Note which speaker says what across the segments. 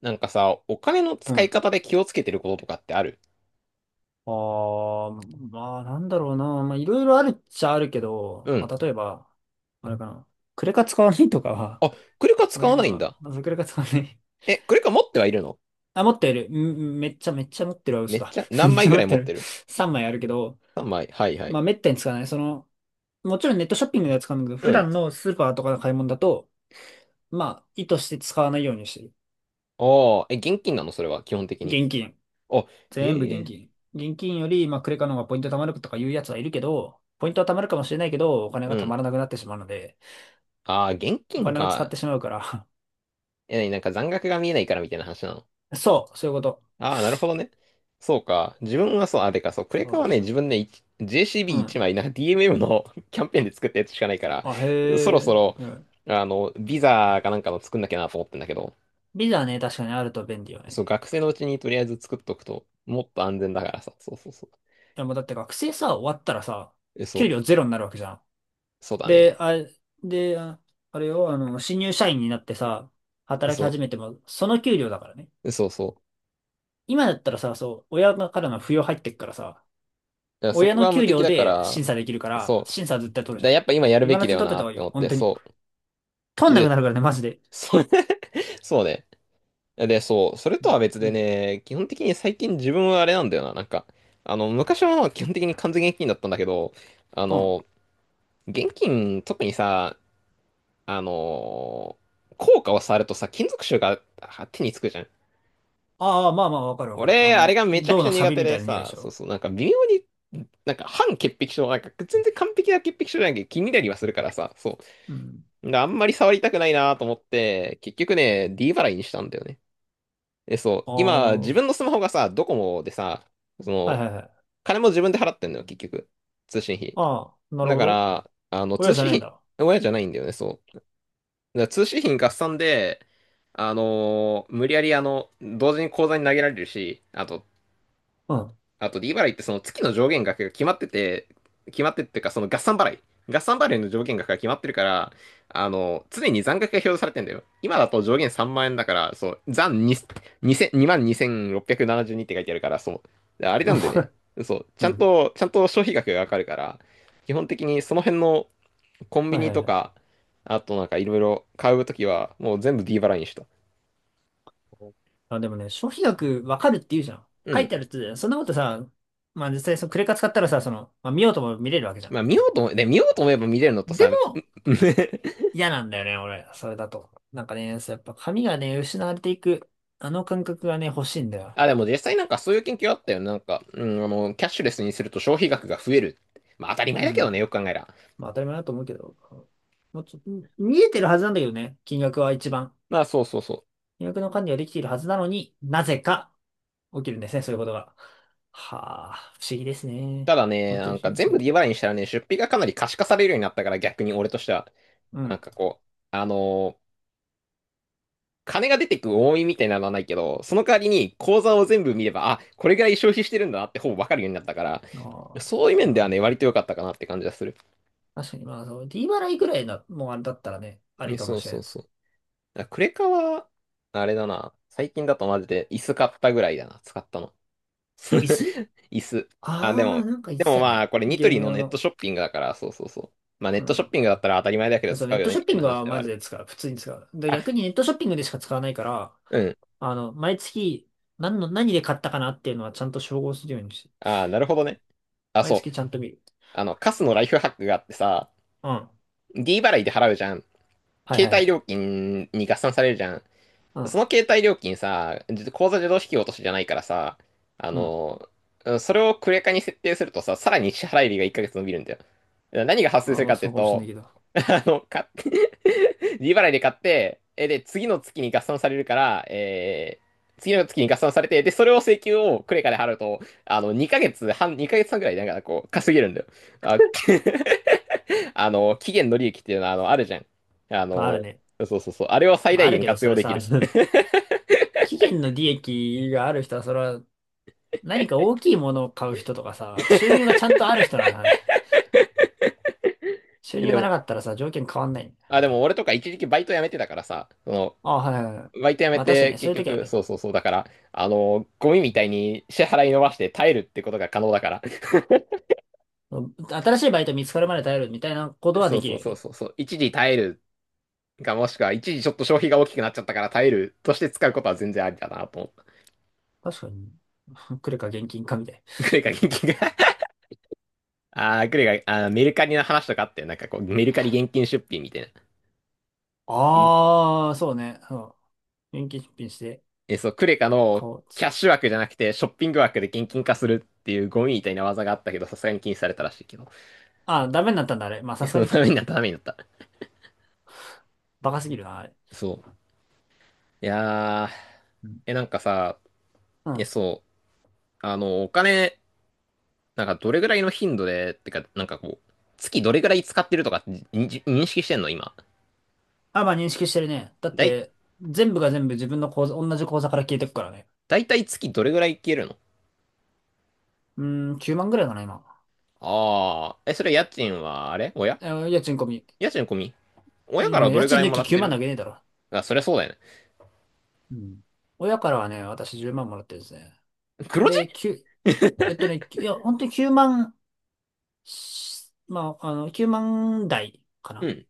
Speaker 1: なんかさ、お金の
Speaker 2: う
Speaker 1: 使い
Speaker 2: ん。
Speaker 1: 方で気をつけてることとかってある？
Speaker 2: ああ、まあ、なんだろうな。まあ、いろいろあるっちゃあるけ
Speaker 1: う
Speaker 2: ど、ま
Speaker 1: ん。
Speaker 2: あ、例えば、あれかな。クレカ使わないとかは、
Speaker 1: あ、クレカ使わ
Speaker 2: 俺
Speaker 1: ないん
Speaker 2: 今、
Speaker 1: だ。
Speaker 2: まずクレカ使わない。
Speaker 1: え、クレカ持ってはいるの？
Speaker 2: あ、持ってる。うん。めっちゃ持ってるは
Speaker 1: め
Speaker 2: 嘘
Speaker 1: っ
Speaker 2: だ。
Speaker 1: ちゃ、
Speaker 2: め
Speaker 1: 何
Speaker 2: っち
Speaker 1: 枚
Speaker 2: ゃ
Speaker 1: ぐ
Speaker 2: 持
Speaker 1: ら
Speaker 2: っ
Speaker 1: い持
Speaker 2: て
Speaker 1: っ
Speaker 2: る。
Speaker 1: てる？
Speaker 2: 3枚あるけど、
Speaker 1: 3 枚。はいは
Speaker 2: ま
Speaker 1: い。
Speaker 2: あ、めったに使わない。その、もちろんネットショッピングでは使うんだけど、
Speaker 1: う
Speaker 2: 普
Speaker 1: ん。
Speaker 2: 段のスーパーとかの買い物だと、まあ、意図して使わないようにしてる。
Speaker 1: ああ、え、現金なのそれは、基本的に？
Speaker 2: 現金。
Speaker 1: あ、へ
Speaker 2: 全部現
Speaker 1: え。
Speaker 2: 金。現金より、まあ、クレカの方がポイント貯まるとかいうやつはいるけど、ポイントは貯まるかもしれないけど、お金
Speaker 1: う
Speaker 2: が貯
Speaker 1: ん。
Speaker 2: まらなくなってしまうので、
Speaker 1: ああ、現
Speaker 2: お
Speaker 1: 金
Speaker 2: 金を使って
Speaker 1: か。
Speaker 2: しまうから。
Speaker 1: え、なんか残額が見えないからみたいな話なの？
Speaker 2: そう、そういうこと。
Speaker 1: ああ、なるほどね。そうか。自分はそう、そう、クレ
Speaker 2: う
Speaker 1: カ
Speaker 2: ん。
Speaker 1: はね、自分ね、い
Speaker 2: う
Speaker 1: JCB1
Speaker 2: ん。
Speaker 1: 枚、DMM の キャンペーンで作ったやつしかないから、
Speaker 2: あ、へ
Speaker 1: そろ
Speaker 2: え。
Speaker 1: そろ、
Speaker 2: なるほど。
Speaker 1: ビザかなんかの作んなきゃなと思ってんだけど、
Speaker 2: ビザね、確かにあると便利よ
Speaker 1: そう、
Speaker 2: ね。
Speaker 1: 学生のうちにとりあえず作っとくと、もっと安全だからさ、そうそうそう。
Speaker 2: でもだって学生さ、終わったらさ、
Speaker 1: え、そ
Speaker 2: 給
Speaker 1: う、
Speaker 2: 料ゼロになるわけじゃん。
Speaker 1: そうだ
Speaker 2: で、
Speaker 1: ね。
Speaker 2: あ、で、あ、あれよ、あの、新入社員になってさ、働き
Speaker 1: そ
Speaker 2: 始めても、その給料だからね。
Speaker 1: う、そうそう。
Speaker 2: 今だったらさ、そう、親からの扶養入ってっからさ、
Speaker 1: だからそ
Speaker 2: 親
Speaker 1: こ
Speaker 2: の
Speaker 1: が無
Speaker 2: 給
Speaker 1: 敵
Speaker 2: 料
Speaker 1: だか
Speaker 2: で
Speaker 1: ら、
Speaker 2: 審査できるから、
Speaker 1: そ
Speaker 2: 審査は絶対取
Speaker 1: う。
Speaker 2: る
Speaker 1: だか
Speaker 2: じ
Speaker 1: ら
Speaker 2: ゃん。
Speaker 1: やっぱ今やる
Speaker 2: 今
Speaker 1: べ
Speaker 2: の
Speaker 1: き
Speaker 2: うち
Speaker 1: だ
Speaker 2: に
Speaker 1: よ
Speaker 2: 取って
Speaker 1: な
Speaker 2: た方
Speaker 1: っ
Speaker 2: がいい
Speaker 1: て
Speaker 2: よ、
Speaker 1: 思っ
Speaker 2: 本
Speaker 1: て、
Speaker 2: 当に。
Speaker 1: そ
Speaker 2: 取
Speaker 1: う。
Speaker 2: んなくな
Speaker 1: で、
Speaker 2: るからね、マジで。
Speaker 1: それ そうね。で、そう、それとは別
Speaker 2: う
Speaker 1: で
Speaker 2: ん。
Speaker 1: ね、基本的に最近自分はあれなんだよな、なんか、昔は基本的に完全現金だったんだけど、あ
Speaker 2: うん。
Speaker 1: の、現金、特にさ、あの、硬貨を触るとさ、金属臭があ手につくじゃん。
Speaker 2: ああ、まあまあ、わかるわかる。あ
Speaker 1: 俺、あれ
Speaker 2: の、
Speaker 1: がめちゃく
Speaker 2: 銅
Speaker 1: ちゃ
Speaker 2: のサ
Speaker 1: 苦
Speaker 2: ビ
Speaker 1: 手
Speaker 2: みた
Speaker 1: で
Speaker 2: いな匂いで
Speaker 1: さ、
Speaker 2: し
Speaker 1: そう
Speaker 2: ょ。
Speaker 1: そう、なんか微妙に、なんか半潔癖症、なんか全然完璧な潔癖症じゃなきゃ気になりはするからさ、そ
Speaker 2: うん。
Speaker 1: う。だからあんまり触りたくないなと思って、結局ね、D 払いにしたんだよね。え、そう、
Speaker 2: ああ、なる
Speaker 1: 今、
Speaker 2: ほ
Speaker 1: 自
Speaker 2: ど。
Speaker 1: 分のスマホがさ、ドコモでさ、そ
Speaker 2: はい
Speaker 1: の、
Speaker 2: はいはい。
Speaker 1: 金も自分で払ってんのよ、結局。通信費。
Speaker 2: ああ、なる
Speaker 1: だ
Speaker 2: ほ
Speaker 1: か
Speaker 2: ど。
Speaker 1: ら、
Speaker 2: 親
Speaker 1: 通
Speaker 2: じゃ
Speaker 1: 信
Speaker 2: ないん
Speaker 1: 費、
Speaker 2: だ。
Speaker 1: 親じゃないんだよね、そう。だから通信費合算で、無理やり、同時に口座に投げられるし、あと、
Speaker 2: うん。
Speaker 1: あと D 払いってその月の上限額が決まってて、決まってっていうかその合算払い。合算払いの上限額が決まってるから、常に残額が表示されてんだよ。今だと上限3万円だから、そう、残2、2000 22,672っぴゃくななじゅうにって書いてあるから、そう。あれなんでね、そう、ち
Speaker 2: う
Speaker 1: ゃん
Speaker 2: ん。
Speaker 1: と、ちゃんと消費額がわかるから、基本的にその辺のコンビ
Speaker 2: はい
Speaker 1: ニ
Speaker 2: はい
Speaker 1: と
Speaker 2: はい。
Speaker 1: か、あとなんかいろいろ買うときは、もう全部 D 払いにした。
Speaker 2: あ、でもね、消費額わかるって言うじゃん。
Speaker 1: う
Speaker 2: 書い
Speaker 1: ん。
Speaker 2: てあるって言うじゃん。そんなことさ、まあ実際そのクレカ使ったらさ、その、まあ見ようとも見れるわけじゃん。
Speaker 1: まあ見ようと思え、で、見ようと思えば見れるのとさ、
Speaker 2: で、嫌なんだよね、俺。それだと。なんかね、そうやっぱ髪がね、失われていく、あの感覚がね、欲しいんだよ。
Speaker 1: あ、でも実際なんかそういう研究あったよね。なんか、うん、キャッシュレスにすると消費額が増える。まあ当たり前だ
Speaker 2: う
Speaker 1: けど
Speaker 2: ん。
Speaker 1: ね、よく考えら。
Speaker 2: まあ当たり前だと思うけど。もうちょ、見えてるはずなんだけどね、金額は一番。
Speaker 1: まあそうそうそう。
Speaker 2: 金額の管理はできているはずなのになぜか起きるんですね、そういうことが。はあ、不思議ですね。
Speaker 1: ただね、
Speaker 2: 本当
Speaker 1: な
Speaker 2: に不
Speaker 1: ん
Speaker 2: 思議
Speaker 1: か
Speaker 2: で
Speaker 1: 全
Speaker 2: すね。
Speaker 1: 部 D 払いにしたらね、出費がかなり可視化されるようになったから逆に俺としては、
Speaker 2: う
Speaker 1: なん
Speaker 2: ん。
Speaker 1: かこう、あのー金が出てく多いみたいなのはないけど、その代わりに口座を全部見れば、あ、これぐらい消費してるんだなってほぼわかるようになったから、
Speaker 2: ああ、
Speaker 1: そういう
Speaker 2: な
Speaker 1: 面
Speaker 2: る
Speaker 1: で
Speaker 2: ほ
Speaker 1: は
Speaker 2: ど。
Speaker 1: ね、割と良かったかなって感じがする。
Speaker 2: 確かに、まあ、そう、D 払いぐらいの、もうあれだったらね、あり
Speaker 1: ね、
Speaker 2: かも
Speaker 1: そう
Speaker 2: しれ
Speaker 1: そう
Speaker 2: ん。
Speaker 1: そう。だからクレカは、あれだな。最近だとマジで椅子買ったぐらいだな、使ったの。
Speaker 2: 椅子。
Speaker 1: 椅子。あ、
Speaker 2: ああー、なんか言っ
Speaker 1: で
Speaker 2: て
Speaker 1: も
Speaker 2: た
Speaker 1: まあ、
Speaker 2: ね。
Speaker 1: これニト
Speaker 2: ゲー
Speaker 1: リ
Speaker 2: ム
Speaker 1: の
Speaker 2: 用
Speaker 1: ネット
Speaker 2: の。
Speaker 1: ショッピングだから、そうそうそう。まあ、ネッ
Speaker 2: う
Speaker 1: トショッ
Speaker 2: ん。
Speaker 1: ピングだったら当たり前だけど
Speaker 2: そう、
Speaker 1: 使
Speaker 2: ネ
Speaker 1: う
Speaker 2: ッ
Speaker 1: よ
Speaker 2: ト
Speaker 1: ね、
Speaker 2: ショ
Speaker 1: み
Speaker 2: ッ
Speaker 1: た
Speaker 2: ピ
Speaker 1: い
Speaker 2: ン
Speaker 1: な
Speaker 2: グ
Speaker 1: 話
Speaker 2: は
Speaker 1: ではあ
Speaker 2: マジ
Speaker 1: る。
Speaker 2: で使う。普通に使う。で、逆
Speaker 1: あ、
Speaker 2: にネットショッピングでしか使わないから、
Speaker 1: うん。
Speaker 2: あの、毎月、何で買ったかなっていうのはちゃんと照合するようにして、
Speaker 1: あ、なるほどね。あ、
Speaker 2: 毎
Speaker 1: そう。
Speaker 2: 月ちゃんと見る。
Speaker 1: カスのライフハックがあってさ、
Speaker 2: うん。は
Speaker 1: D 払いで払うじゃん。
Speaker 2: いはい
Speaker 1: 携
Speaker 2: は
Speaker 1: 帯
Speaker 2: い。
Speaker 1: 料金に合算されるじゃん。
Speaker 2: う
Speaker 1: そ
Speaker 2: ん。
Speaker 1: の携帯料金さ、口座自動引き落としじゃないからさ、あ
Speaker 2: うん。
Speaker 1: の、それをクレカに設定するとさ、さらに支払い日が1ヶ月伸びるんだよ。何が発生す
Speaker 2: あ、
Speaker 1: る
Speaker 2: ま
Speaker 1: か
Speaker 2: あ
Speaker 1: ってい
Speaker 2: そ
Speaker 1: う
Speaker 2: うかもしれな
Speaker 1: と、
Speaker 2: いけど。
Speaker 1: 買って 利払い で買って、で、次の月に合算されるから、次の月に合算されて、で、それを請求をクレカで払うと、2ヶ月半、2ヶ月半ぐらい、なんかこう、稼げるんだよ。あ、期限の利益っていうのは、あるじゃん。あ
Speaker 2: まあある
Speaker 1: の、
Speaker 2: ね。
Speaker 1: そうそうそう、あれを最
Speaker 2: まああ
Speaker 1: 大
Speaker 2: る
Speaker 1: 限
Speaker 2: けど、
Speaker 1: 活
Speaker 2: そ
Speaker 1: 用
Speaker 2: れ
Speaker 1: でき
Speaker 2: さ、
Speaker 1: る。
Speaker 2: 期限の利益がある人は、それは何か大きいものを買う人とかさ、あと収入がちゃんとある人なんだね。収
Speaker 1: え、
Speaker 2: 入
Speaker 1: で
Speaker 2: がな
Speaker 1: も、
Speaker 2: かったらさ、条件変わんない。
Speaker 1: あ、でも俺とか一時期バイト辞めてたからさ、
Speaker 2: あ、はいはいはい。
Speaker 1: バイト辞め
Speaker 2: まあ確かに
Speaker 1: て
Speaker 2: ね、そう
Speaker 1: 結
Speaker 2: いう時は
Speaker 1: 局、
Speaker 2: ね、
Speaker 1: そうそうそう、だから、ゴミみたいに支払い伸ばして耐えるってことが可能だから、
Speaker 2: 新しいバイト見つかるまで耐えるみたいなこと は
Speaker 1: そ
Speaker 2: で
Speaker 1: う
Speaker 2: き
Speaker 1: そ
Speaker 2: る
Speaker 1: う
Speaker 2: よ
Speaker 1: そう
Speaker 2: ね。
Speaker 1: そう、そう一時耐えるか、もしくは一時ちょっと消費が大きくなっちゃったから耐えるとして使うことは全然ありだなと思った。
Speaker 2: 確かに。来るか現金かみたい
Speaker 1: クレカ現金が あー、クレカ、あー、メルカリの話とかあってなんかこう、メルカリ現金出品みたいな。
Speaker 2: な。
Speaker 1: ん
Speaker 2: ああ、そうね。そう。現金出品して
Speaker 1: そう、クレカ
Speaker 2: 買
Speaker 1: の
Speaker 2: おうっつっ
Speaker 1: キャッ
Speaker 2: て。
Speaker 1: シュ枠じゃなくて、ショッピング枠で現金化するっていうゴミみたいな技があったけど、さすがに禁止されたらしいけど。
Speaker 2: ああ、ダメになったんだ、あれ。まあ、
Speaker 1: い
Speaker 2: さ
Speaker 1: や、
Speaker 2: す
Speaker 1: そ
Speaker 2: が
Speaker 1: の
Speaker 2: に
Speaker 1: ために
Speaker 2: か。
Speaker 1: なった、ためになった。
Speaker 2: バカすぎるな、あれ。
Speaker 1: そう。いやー、
Speaker 2: うん。
Speaker 1: なんかさ、
Speaker 2: う
Speaker 1: え、
Speaker 2: ん。
Speaker 1: そう、あの、お金、なんかどれぐらいの頻度で、ってか、なんかこう、月どれぐらい使ってるとか認識してんの今？
Speaker 2: あ、まあ、認識してるね。だっ
Speaker 1: だい、
Speaker 2: て、全部が全部自分の口座、同じ口座から消えてくからね。
Speaker 1: だいたい月どれぐらい消えるの？
Speaker 2: うーん、9万ぐらいかな、今。
Speaker 1: あー、え、それ家賃は、あれ親、
Speaker 2: え、家賃込み。
Speaker 1: 家賃込み？親
Speaker 2: い
Speaker 1: か
Speaker 2: や
Speaker 1: らど
Speaker 2: 家
Speaker 1: れぐ
Speaker 2: 賃
Speaker 1: らい
Speaker 2: 抜
Speaker 1: も
Speaker 2: き
Speaker 1: らっ
Speaker 2: 9
Speaker 1: て
Speaker 2: 万
Speaker 1: る？
Speaker 2: 投げねえだろ。
Speaker 1: あ、そりゃそうだよね。
Speaker 2: うん。親からはね、私10万もらってるんですね。
Speaker 1: 黒字？
Speaker 2: で、9、いや、本当に9万まあ、あの、9万台か
Speaker 1: う
Speaker 2: な。
Speaker 1: ん。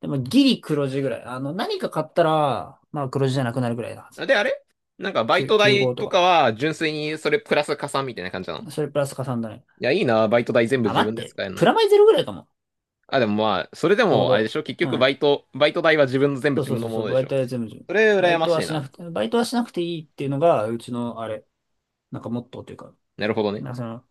Speaker 2: でもギリ黒字ぐらい。あの、何か買ったら、まあ黒字じゃなくなるぐらいなはず。
Speaker 1: あで、あれなんかバイ
Speaker 2: 9、
Speaker 1: ト
Speaker 2: 9
Speaker 1: 代
Speaker 2: と
Speaker 1: とか
Speaker 2: か。
Speaker 1: は純粋にそれプラス加算みたいな感じなの？
Speaker 2: それプラス加算だね。
Speaker 1: いや、いいな、バイト代全部
Speaker 2: あ、
Speaker 1: 自
Speaker 2: 待っ
Speaker 1: 分で
Speaker 2: て。
Speaker 1: 使える
Speaker 2: プ
Speaker 1: の。
Speaker 2: ラマイゼロぐらいかも。
Speaker 1: あ、でもまあ、それで
Speaker 2: ちょう
Speaker 1: もあれで
Speaker 2: ど。
Speaker 1: しょ結
Speaker 2: う
Speaker 1: 局
Speaker 2: ん。
Speaker 1: バイト代は自分の全部
Speaker 2: そう
Speaker 1: 自
Speaker 2: そう
Speaker 1: 分
Speaker 2: そ
Speaker 1: の
Speaker 2: う
Speaker 1: も
Speaker 2: そう。
Speaker 1: ので
Speaker 2: バ
Speaker 1: し
Speaker 2: イ
Speaker 1: ょ？
Speaker 2: トは全部自分。
Speaker 1: それ羨ましいな。
Speaker 2: バイトはしなくていいっていうのが、うちの、あれ、なんかモットーというか、
Speaker 1: なるほどね。
Speaker 2: なんかその、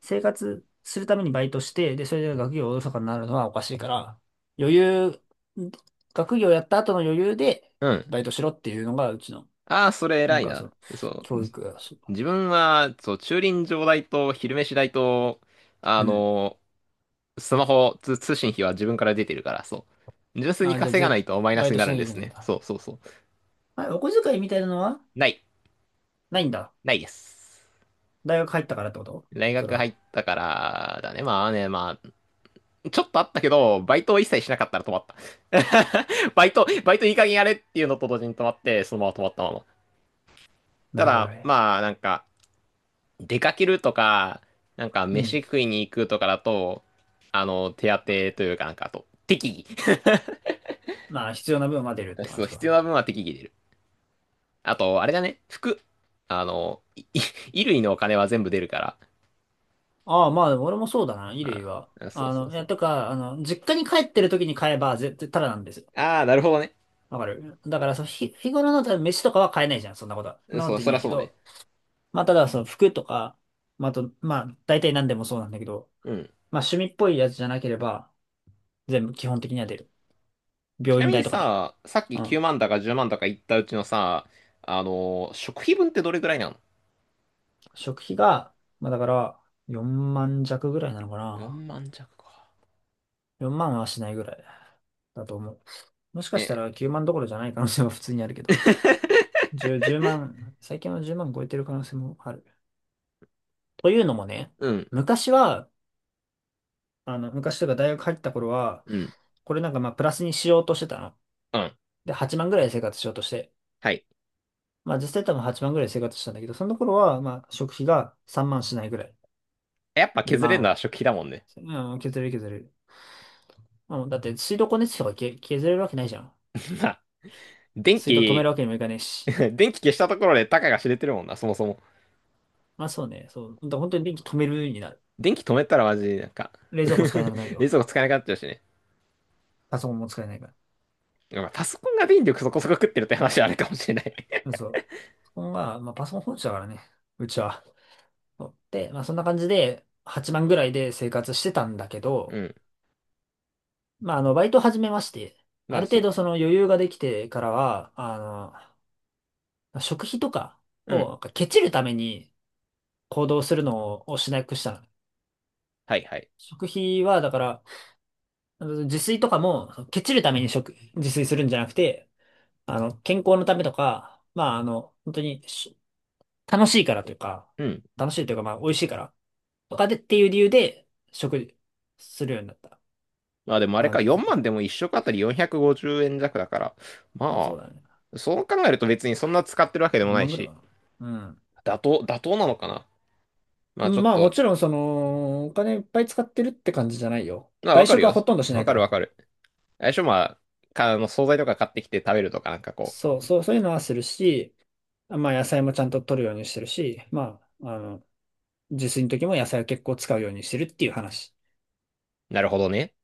Speaker 2: 生活するためにバイトして、で、それで学業おろそかになるのはおかしいから、余裕、学業やった後の余裕で、
Speaker 1: うん。
Speaker 2: バイトしろっていうのが、うちの、
Speaker 1: ああ、それ
Speaker 2: な
Speaker 1: 偉
Speaker 2: ん
Speaker 1: い
Speaker 2: かそ
Speaker 1: な。
Speaker 2: の、
Speaker 1: そう。
Speaker 2: 教育だし。
Speaker 1: 自分は、そう、駐輪場代と昼飯代と、あ
Speaker 2: うん。
Speaker 1: の、スマホ通、通信費は自分から出てるから、そう。純粋に
Speaker 2: あ、じゃあ、
Speaker 1: 稼がないとマイナ
Speaker 2: バ
Speaker 1: ス
Speaker 2: イ
Speaker 1: に
Speaker 2: ト
Speaker 1: な
Speaker 2: しな
Speaker 1: るん
Speaker 2: きゃ
Speaker 1: で
Speaker 2: いけ
Speaker 1: す
Speaker 2: ないん
Speaker 1: ね。
Speaker 2: だ。
Speaker 1: そうそうそう。
Speaker 2: あ、お小遣いみたいなのは
Speaker 1: ない。
Speaker 2: ないんだ。
Speaker 1: ないです。
Speaker 2: 大学入ったからってこと
Speaker 1: 大
Speaker 2: それ
Speaker 1: 学入
Speaker 2: は。
Speaker 1: ったから、だね。まあね、まあ、ちょっとあったけど、バイトを一切しなかったら止まった。バイトいい加減やれっていうのと同時に止まって、そのまま止まったまま。
Speaker 2: な
Speaker 1: た
Speaker 2: るほど
Speaker 1: だ、
Speaker 2: ね。
Speaker 1: まあ、なんか、出かけるとか、なんか、
Speaker 2: うん。
Speaker 1: 飯食いに行くとかだと、手当てというかなんか、あと、適
Speaker 2: まあ、必要な分は出るっ
Speaker 1: 宜。
Speaker 2: て感
Speaker 1: そう、
Speaker 2: じ
Speaker 1: 必要
Speaker 2: か。
Speaker 1: な分は適宜出る。あと、あれだね、服。いい 衣類のお金は全部出るから。
Speaker 2: ああ、まあ、でも俺もそうだな、衣類
Speaker 1: あ
Speaker 2: は。
Speaker 1: あ、そ
Speaker 2: あ
Speaker 1: うそう
Speaker 2: の、い
Speaker 1: そ
Speaker 2: や、
Speaker 1: う。
Speaker 2: とか、あの、実家に帰ってる時に買えば、絶対タダなんですよ。
Speaker 1: ああ、なるほどね。
Speaker 2: わかる。だから、そう、日頃の、多分飯とかは買えないじゃん、そんなことは。そんなこ
Speaker 1: そ
Speaker 2: と
Speaker 1: う、
Speaker 2: でき
Speaker 1: そり
Speaker 2: な
Speaker 1: ゃ
Speaker 2: いけ
Speaker 1: そうね。
Speaker 2: ど。まあ、ただ、その服とか、まあ、あと、まあ、大体何でもそうなんだけど、
Speaker 1: うん。
Speaker 2: まあ、趣味っぽいやつじゃなければ、全部基本的には出る。
Speaker 1: ち
Speaker 2: 病
Speaker 1: な
Speaker 2: 院
Speaker 1: み
Speaker 2: 代
Speaker 1: に
Speaker 2: とかね。
Speaker 1: さ、さっき
Speaker 2: う
Speaker 1: 9
Speaker 2: ん。
Speaker 1: 万だか10万だか言ったうちのさ、食費分ってどれぐらいなの？
Speaker 2: 食費が、まあだから4万弱ぐらいなのかな。
Speaker 1: 4 万弱か。
Speaker 2: 4万はしないぐらいだと思う。もしかした
Speaker 1: え、
Speaker 2: ら9万どころじゃない可能性も普通にあるけど。10、万、最近は10万超えてる可能性もある。というのもね、
Speaker 1: うん、
Speaker 2: 昔は、あの、昔というか大学入った頃は、
Speaker 1: うん、
Speaker 2: これなんかまあプラスにしようとしてたの。
Speaker 1: うん。
Speaker 2: で、8万ぐらいで生活しようとして。
Speaker 1: はい。
Speaker 2: まあ実際多分8万ぐらいで生活したんだけど、その頃はまあ食費が3万しないぐらい。
Speaker 1: やっぱ削れる
Speaker 2: 2
Speaker 1: のは
Speaker 2: 万、
Speaker 1: 食費だもんね。
Speaker 2: うん、削れる削れる。まあもうだって水道光熱費とか削れるわけないじゃん。
Speaker 1: まあ、電
Speaker 2: 水道止める
Speaker 1: 気、
Speaker 2: わけにもいかねえ し。
Speaker 1: 電気消したところでたかが知れてるもんな、そもそも。
Speaker 2: まあそうね、そう。だから本当に電気止めるようになる。
Speaker 1: 電気止めたらマジなんか
Speaker 2: 冷蔵庫使えなくなるよ。
Speaker 1: 冷蔵庫使えなくなっちゃうしね。
Speaker 2: パソコンも使えないから。
Speaker 1: まあパソコンが電力そこそこ食ってるって話はあるかもしれない
Speaker 2: うん。 そう。パソコンは、まあパソコン本社だからね。うちは。そうで、まあそんな感じで、8万ぐらいで生活してたんだけ
Speaker 1: う
Speaker 2: ど、
Speaker 1: ん。
Speaker 2: まああの、バイト始めまして、あ
Speaker 1: ま
Speaker 2: る
Speaker 1: あ
Speaker 2: 程
Speaker 1: そ
Speaker 2: 度その余裕ができてからは、あの、食費とか
Speaker 1: う。う
Speaker 2: を、
Speaker 1: ん。
Speaker 2: なんかケチるために行動するのをしなくしたの。
Speaker 1: はいはい。
Speaker 2: 食費は、だから、あの自炊とかも、そのケチるために自炊するんじゃなくて、あの、健康のためとか、まあ、あの、本当に楽しいからというか、
Speaker 1: うん。
Speaker 2: 楽しいというか、まあ、美味しいから、とかでっていう理由で、食事するようになった。
Speaker 1: まあ、でもあれ
Speaker 2: あ、
Speaker 1: か、
Speaker 2: 自
Speaker 1: 4
Speaker 2: 炊とか。
Speaker 1: 万でも1食あたり450円弱だから。
Speaker 2: まあ、そう
Speaker 1: ま
Speaker 2: だね。
Speaker 1: あ、そう考えると別にそんな使ってるわけで
Speaker 2: よ
Speaker 1: も
Speaker 2: んま
Speaker 1: ない
Speaker 2: 万ぐらい
Speaker 1: し、
Speaker 2: かな。
Speaker 1: 妥当、妥当なのかな。まあ
Speaker 2: う
Speaker 1: ちょ
Speaker 2: ん。
Speaker 1: っ
Speaker 2: まあ、も
Speaker 1: と、
Speaker 2: ちろん、その、お金いっぱい使ってるって感じじゃないよ。
Speaker 1: まあわ
Speaker 2: 外
Speaker 1: かる
Speaker 2: 食は
Speaker 1: よ。
Speaker 2: ほとんどしな
Speaker 1: わ
Speaker 2: いか
Speaker 1: かるわ
Speaker 2: ら。
Speaker 1: かる。最初まあ、か、あの、惣菜とか買ってきて食べるとかなんかこ
Speaker 2: そう、そう、そういうのはするし、まあ、野菜もちゃんと取るようにしてるし、まあ、あの、自炊の時も野菜を結構使うようにしてるっていう話。
Speaker 1: う、なるほどね。